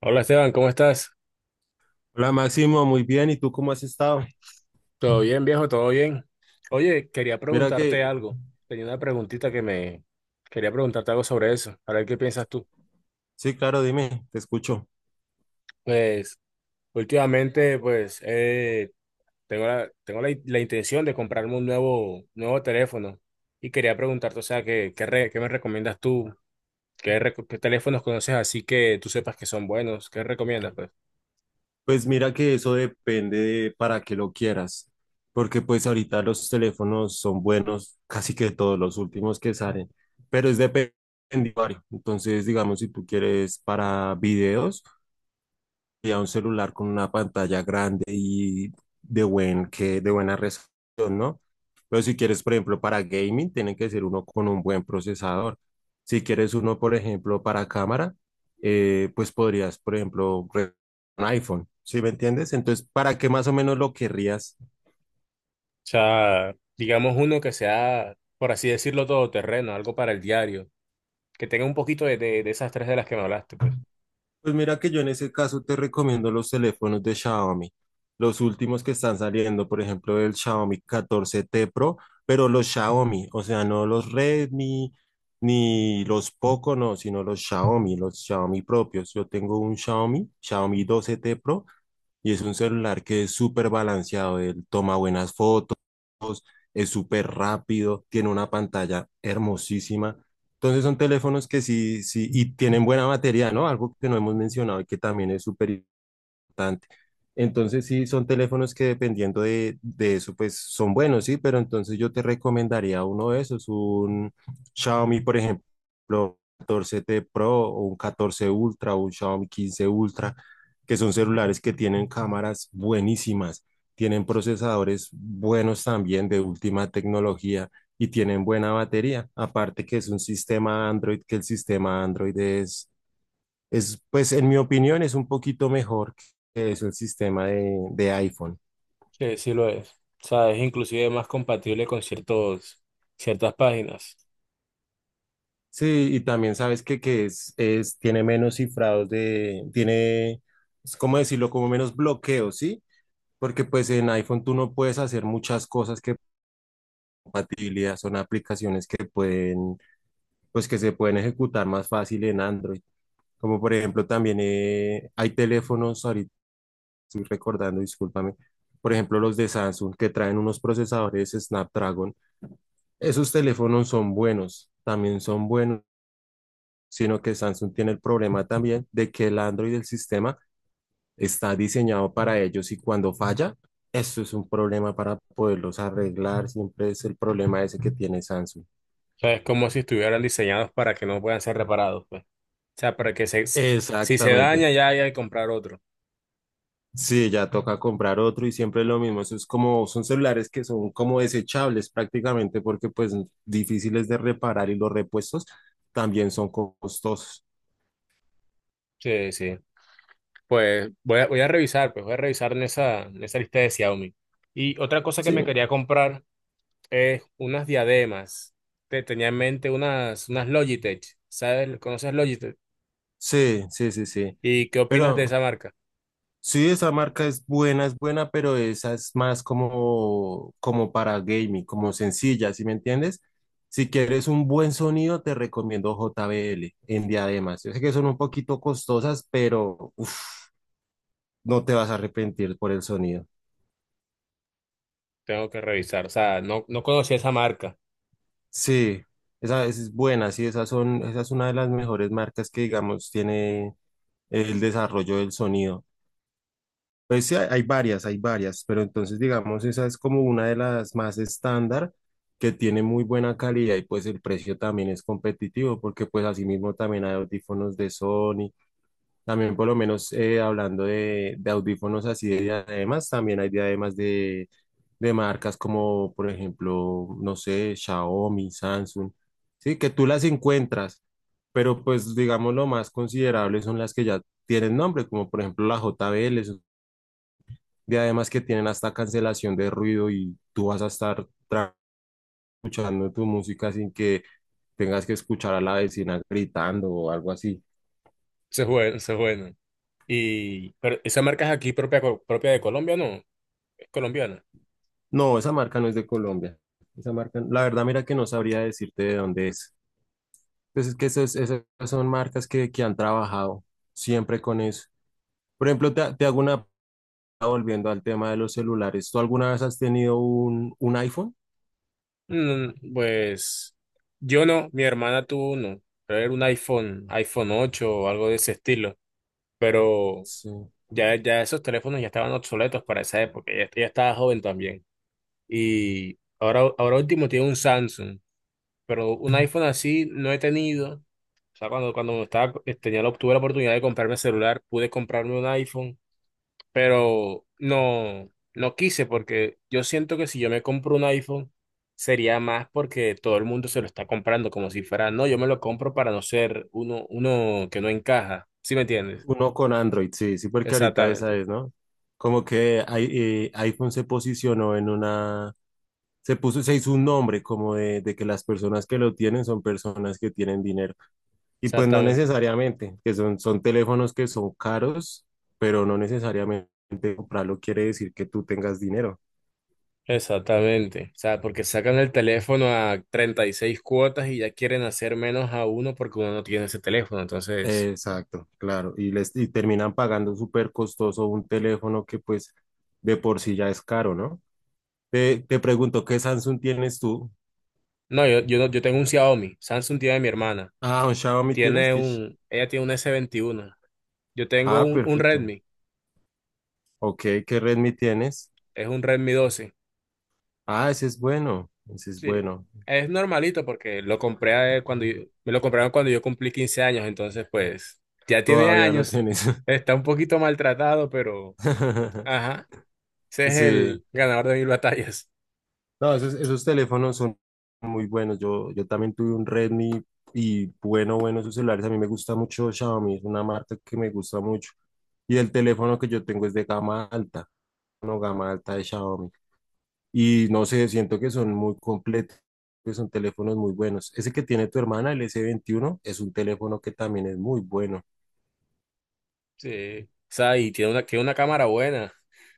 Hola Esteban, ¿cómo estás? Hola Máximo, muy bien. ¿Y tú cómo has estado? ¿Todo bien, viejo? ¿Todo bien? Oye, quería Mira preguntarte que, algo. Tenía una preguntita que me... Quería preguntarte algo sobre eso. A ver qué piensas tú. sí, claro, dime, te escucho. Pues, últimamente, pues, tengo la intención de comprarme un nuevo teléfono. Y quería preguntarte, o sea, ¿ qué me recomiendas tú? ¿ qué teléfonos conoces así que tú sepas que son buenos? ¿Qué recomiendas, pues? Pues mira que eso depende de para qué lo quieras, porque pues ahorita los teléfonos son buenos, casi que todos los últimos que salen, pero es dependiente. Entonces, digamos, si tú quieres para videos, sería un celular con una pantalla grande y de buena resolución, ¿no? Pero si quieres, por ejemplo, para gaming, tiene que ser uno con un buen procesador. Si quieres uno, por ejemplo, para cámara, pues podrías, por ejemplo, un iPhone, ¿sí me entiendes? Entonces, ¿para qué más o menos lo querrías? O sea, digamos uno que sea, por así decirlo, todoterreno, algo para el diario que tenga un poquito de esas tres de las que me hablaste, pues. Pues mira que yo en ese caso te recomiendo los teléfonos de Xiaomi, los últimos que están saliendo, por ejemplo, el Xiaomi 14T Pro, pero los Xiaomi, o sea, no los Redmi ni los Poco, no, sino los Xiaomi propios. Yo tengo un Xiaomi, Xiaomi 12T Pro, y es un celular que es súper balanceado, él toma buenas fotos, es súper rápido, tiene una pantalla hermosísima. Entonces son teléfonos que sí, sí, y tienen buena batería, ¿no? Algo que no hemos mencionado y que también es súper importante. Entonces, sí, son teléfonos que dependiendo de eso, pues son buenos, sí, pero entonces yo te recomendaría uno de esos, un Xiaomi, por ejemplo, 14T Pro o un 14 Ultra o un Xiaomi 15 Ultra, que son celulares que tienen cámaras buenísimas, tienen procesadores buenos también de última tecnología y tienen buena batería. Aparte que es un sistema Android, que el sistema Android es, pues en mi opinión es un poquito mejor que es el sistema de iPhone. Sí, sí lo es. O sea, es inclusive más compatible con ciertas páginas. Sí, y también sabes que tiene menos cifrados es como decirlo, como menos bloqueos, ¿sí? Porque pues en iPhone tú no puedes hacer muchas cosas que compatibilidad, son aplicaciones que pueden, pues que se pueden ejecutar más fácil en Android. Como por ejemplo también hay teléfonos, ahorita estoy recordando, discúlpame, por ejemplo los de Samsung que traen unos procesadores Snapdragon. Esos teléfonos son buenos, también son buenos, sino que Samsung tiene el problema también de que el Android del sistema está diseñado para ellos y cuando falla, eso es un problema para poderlos arreglar, siempre es el problema ese que tiene Samsung. O sea, es como si estuvieran diseñados para que no puedan ser reparados, pues. O sea, para que se, si se daña Exactamente. ya hay que comprar otro. Sí, ya toca comprar otro y siempre es lo mismo. Eso es como, son celulares que son como desechables prácticamente porque pues difíciles de reparar y los repuestos también son costosos. Sí, sí. Pues voy a revisar, pues voy a revisar en en esa lista de Xiaomi. Y otra cosa que Sí, me quería comprar es unas diademas. Te tenía en mente unas Logitech. ¿Sabes? ¿Conoces Logitech? sí, sí, sí, sí. ¿Y qué opinas de esa Pero marca? sí, esa marca es buena, pero esa es más como, como para gaming, como sencilla, ¿sí me entiendes? Si quieres un buen sonido, te recomiendo JBL en diademas. Yo sé que son un poquito costosas, pero uf, no te vas a arrepentir por el sonido. Tengo que revisar. O sea, no, no conocía esa marca. Sí, esa es buena, sí, esas son, esa es una de las mejores marcas que, digamos, tiene el desarrollo del sonido. Pues sí, hay varias, hay varias, pero entonces digamos, esa es como una de las más estándar que tiene muy buena calidad y pues el precio también es competitivo porque pues asimismo también hay audífonos de Sony, también por lo menos hablando de audífonos así de diademas, también hay diademas de marcas como por ejemplo, no sé, Xiaomi, Samsung, sí, que tú las encuentras, pero pues digamos lo más considerable son las que ya tienen nombre, como por ejemplo la JBL, de además que tienen hasta cancelación de ruido y tú vas a estar escuchando tu música sin que tengas que escuchar a la vecina gritando o algo así. Se buena, se buena. Y pero esa marca es aquí propia, co- propia de Colombia, ¿no? Es colombiana. No, esa marca no es de Colombia. Esa marca, la verdad, mira que no sabría decirte de dónde es. Pues es que esas son marcas que han trabajado siempre con eso. Por ejemplo, te hago una, volviendo al tema de los celulares. ¿Tú alguna vez has tenido un iPhone? Mm, pues yo no, mi hermana tuvo uno. Pero era un iPhone 8 o algo de ese estilo. Pero Sí. Ya esos teléfonos ya estaban obsoletos para esa época. Ella estaba joven también. Y ahora último tiene un Samsung. Pero un iPhone así no he tenido. O sea, cuando estaba, tenía, la- tuve la oportunidad de comprarme celular, pude comprarme un iPhone, pero no, no quise porque yo siento que si yo me compro un iPhone sería más porque todo el mundo se lo está comprando como si fuera, no, yo me lo compro para no ser uno que no encaja. ¿Sí me entiendes? Uno con Android, sí, sí, porque ahorita esa Exactamente, es, ¿no? Como que iPhone se posicionó en una, se puso, se hizo un nombre como de que las personas que lo tienen son personas que tienen dinero. Y pues no exactamente. necesariamente, que son teléfonos que son caros, pero no necesariamente comprarlo quiere decir que tú tengas dinero. Exactamente. O sea, porque sacan el teléfono a 36 cuotas y ya quieren hacer menos a uno porque uno no tiene ese teléfono. Entonces, Exacto, claro. Y terminan pagando súper costoso un teléfono que pues de por sí ya es caro, ¿no? Te pregunto, ¿qué Samsung tienes tú? no, yo tengo un Xiaomi. Samsung tiene mi hermana. Ah, un Xiaomi tienes Tiene que... un, ella tiene un s 21. Yo tengo Ah, un perfecto. Redmi. Ok, ¿qué Redmi tienes? Es un Redmi 12. Ah, ese es bueno. Ese es Sí, bueno. es normalito porque lo compré, cuando yo- me lo compraron cuando yo cumplí 15 años. Entonces, pues, ya tiene Todavía lo años. tienes. Está un poquito maltratado, pero, ajá, ese es Sí. el ganador de mil batallas. No, esos teléfonos son muy buenos. Yo también tuve un Redmi y bueno, bueno, esos celulares. A mí me gusta mucho Xiaomi. Es una marca que me gusta mucho. Y el teléfono que yo tengo es de gama alta. No, gama alta de Xiaomi. Y no sé, siento que son muy completos, que son teléfonos muy buenos. Ese que tiene tu hermana, el S21, es un teléfono que también es muy bueno. Sí. O sea, y tiene una cámara buena.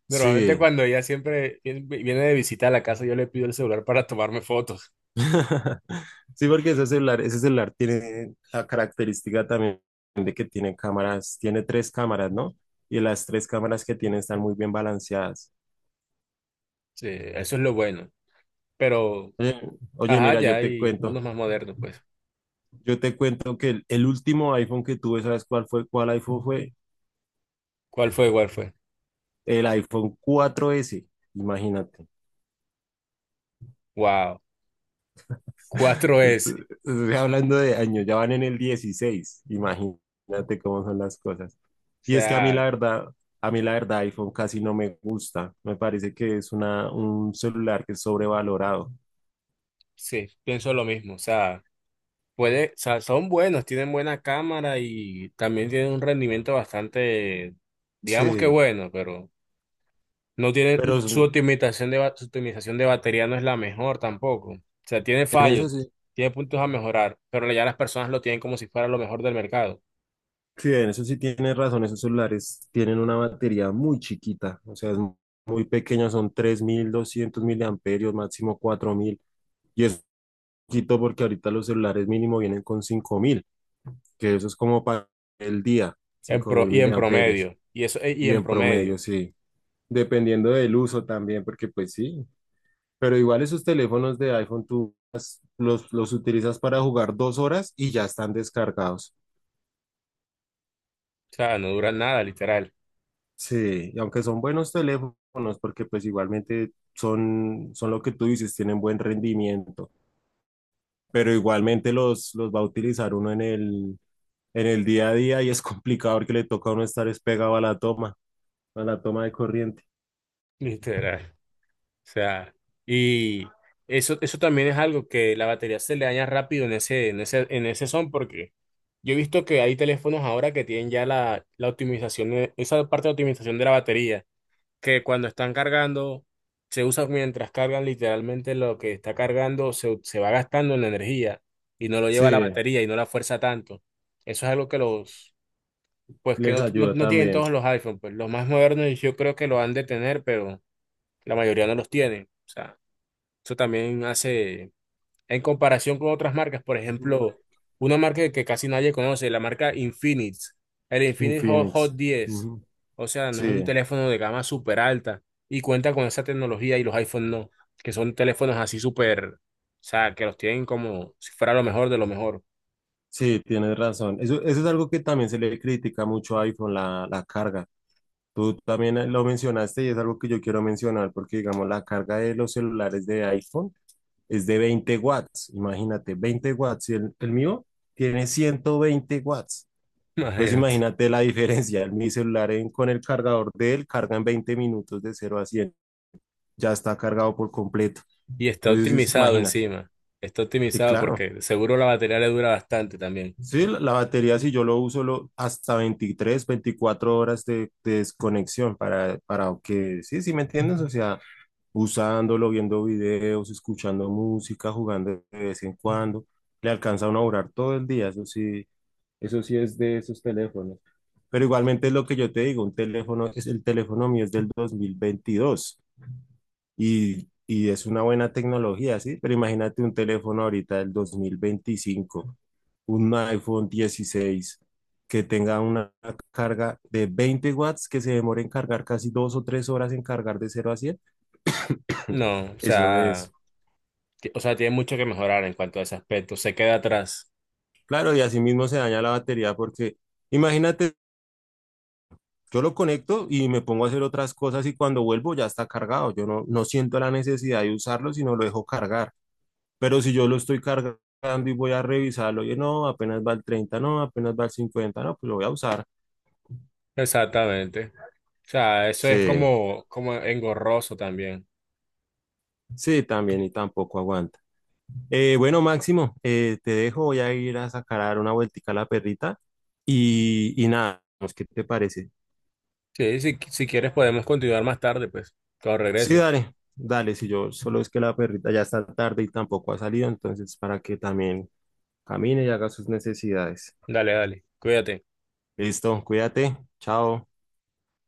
Normalmente Sí. cuando ella siempre viene de visita a la casa, yo le pido el celular para tomarme fotos. Sí, porque ese celular tiene la característica también de que tiene cámaras, tiene tres cámaras, ¿no? Y las tres cámaras que tiene están muy bien balanceadas. Sí, eso es lo bueno. Pero, Oye, oye, ajá, mira, ya hay unos más modernos, pues. yo te cuento que el último iPhone que tuve, ¿sabes cuál fue? ¿Cuál iPhone fue? ¿Cuál fue? ¿Cuál fue? El iPhone 4S, imagínate. Wow. Cuatro Esto- s. Estoy hablando de años, ya van en el 16. Imagínate cómo son las cosas. O Y es que a mí sea, la verdad, a mí la verdad iPhone casi no me gusta, me parece que es un celular que es sobrevalorado, sí, pienso lo mismo. O sea, puede, o sea, son buenos, tienen buena cámara y también tienen un rendimiento bastante, digamos que sí, bueno, pero no pero tiene, su optimización de, ba- su optimización de batería no es la mejor tampoco. O sea, tiene en fallos, eso sí, tiene puntos a mejorar, pero ya las personas lo tienen como si fuera lo mejor del mercado. sí, en eso sí tienes razón, esos celulares tienen una batería muy chiquita, o sea, es muy pequeña, son 3.200 miliamperios, máximo 4.000. Y es poquito porque ahorita los celulares mínimo vienen con 5.000, que eso es como para el día, En cinco pro, mil y en miliamperios. promedio. Y eso, y Y en en promedio. promedio, O sí. Dependiendo del uso también, porque pues sí. Pero igual esos teléfonos de iPhone tú los utilizas para jugar 2 horas y ya están descargados. sea, no dura nada, literal. Sí, y aunque son buenos teléfonos, porque pues igualmente son lo que tú dices, tienen buen rendimiento, pero igualmente los va a utilizar uno en el día a día y es complicado porque le toca a uno estar es pegado a la toma de corriente. Literal. O sea, y eso también es algo que la batería se le daña rápido en en ese son, porque yo he visto que hay teléfonos ahora que tienen ya la optimización, esa parte de optimización de la batería que cuando están cargando, se usa mientras cargan literalmente lo que está cargando, se va gastando en la energía y no lo lleva la Sí, batería y no la fuerza tanto. Eso es algo que los, pues que les no, no, ayuda no tienen también. todos los iPhones, pues los más modernos yo creo que lo han de tener, pero la mayoría no los tienen. O sea, eso también hace en comparación con otras marcas, por Ujú. ejemplo, una marca que casi nadie conoce, la marca Infinix, el Infinix Hot, Hot Infinix. 10. Ujú. O sea, no es un Sí, teléfono de gama súper alta y cuenta con esa tecnología y los iPhone no, que son teléfonos así súper, o sea, que los tienen como si fuera lo mejor de lo mejor. sí, tienes razón. Eso es algo que también se le critica mucho a iPhone, la carga. Tú también lo mencionaste y es algo que yo quiero mencionar porque, digamos, la carga de los celulares de iPhone es de 20 watts. Imagínate, 20 watts. Y el mío tiene 120 watts. Entonces, Imagínate. imagínate la diferencia. Mi celular con el cargador de él carga en 20 minutos de 0 a 100. Ya está cargado por completo. Y está Entonces, optimizado imagínate. encima. Está Y optimizado claro. porque seguro la batería le dura bastante también. Sí, la batería si yo lo uso hasta 23, 24 horas de desconexión para que, sí, sí, ¿me entiendes? O sea, usándolo, viendo videos, escuchando música, jugando de vez en cuando, le alcanza a uno a durar todo el día, eso sí es de esos teléfonos. Pero igualmente es lo que yo te digo, un teléfono, es el teléfono mío es del 2022. Y es una buena tecnología, ¿sí? Pero imagínate un teléfono ahorita del 2025, un iPhone 16 que tenga una carga de 20 watts, que se demore en cargar casi 2 o 3 horas en cargar de 0 a 100. No, o Eso sea, es. ti- o sea, tiene mucho que mejorar en cuanto a ese aspecto. Se queda atrás. Claro, y así mismo se daña la batería porque imagínate, yo lo conecto y me pongo a hacer otras cosas y cuando vuelvo ya está cargado. Yo no siento la necesidad de usarlo, sino lo dejo cargar. Pero si yo lo estoy cargando y voy a revisarlo, oye, no, apenas va el 30 no, apenas va el 50 no, pues lo voy a usar. Exactamente. O sea, eso es Sí, como, como engorroso también. sí, también y tampoco aguanta. Bueno, Máximo, te dejo, voy a ir a sacar a dar una vueltica a la perrita y nada, pues, ¿qué te parece? Sí, si, si quieres podemos continuar más tarde, pues, cuando Sí, regreses. dale, dale, si yo solo es que la perrita ya está tarde y tampoco ha salido, entonces para que también camine y haga sus necesidades. Dale, dale, cuídate. Listo, cuídate, chao.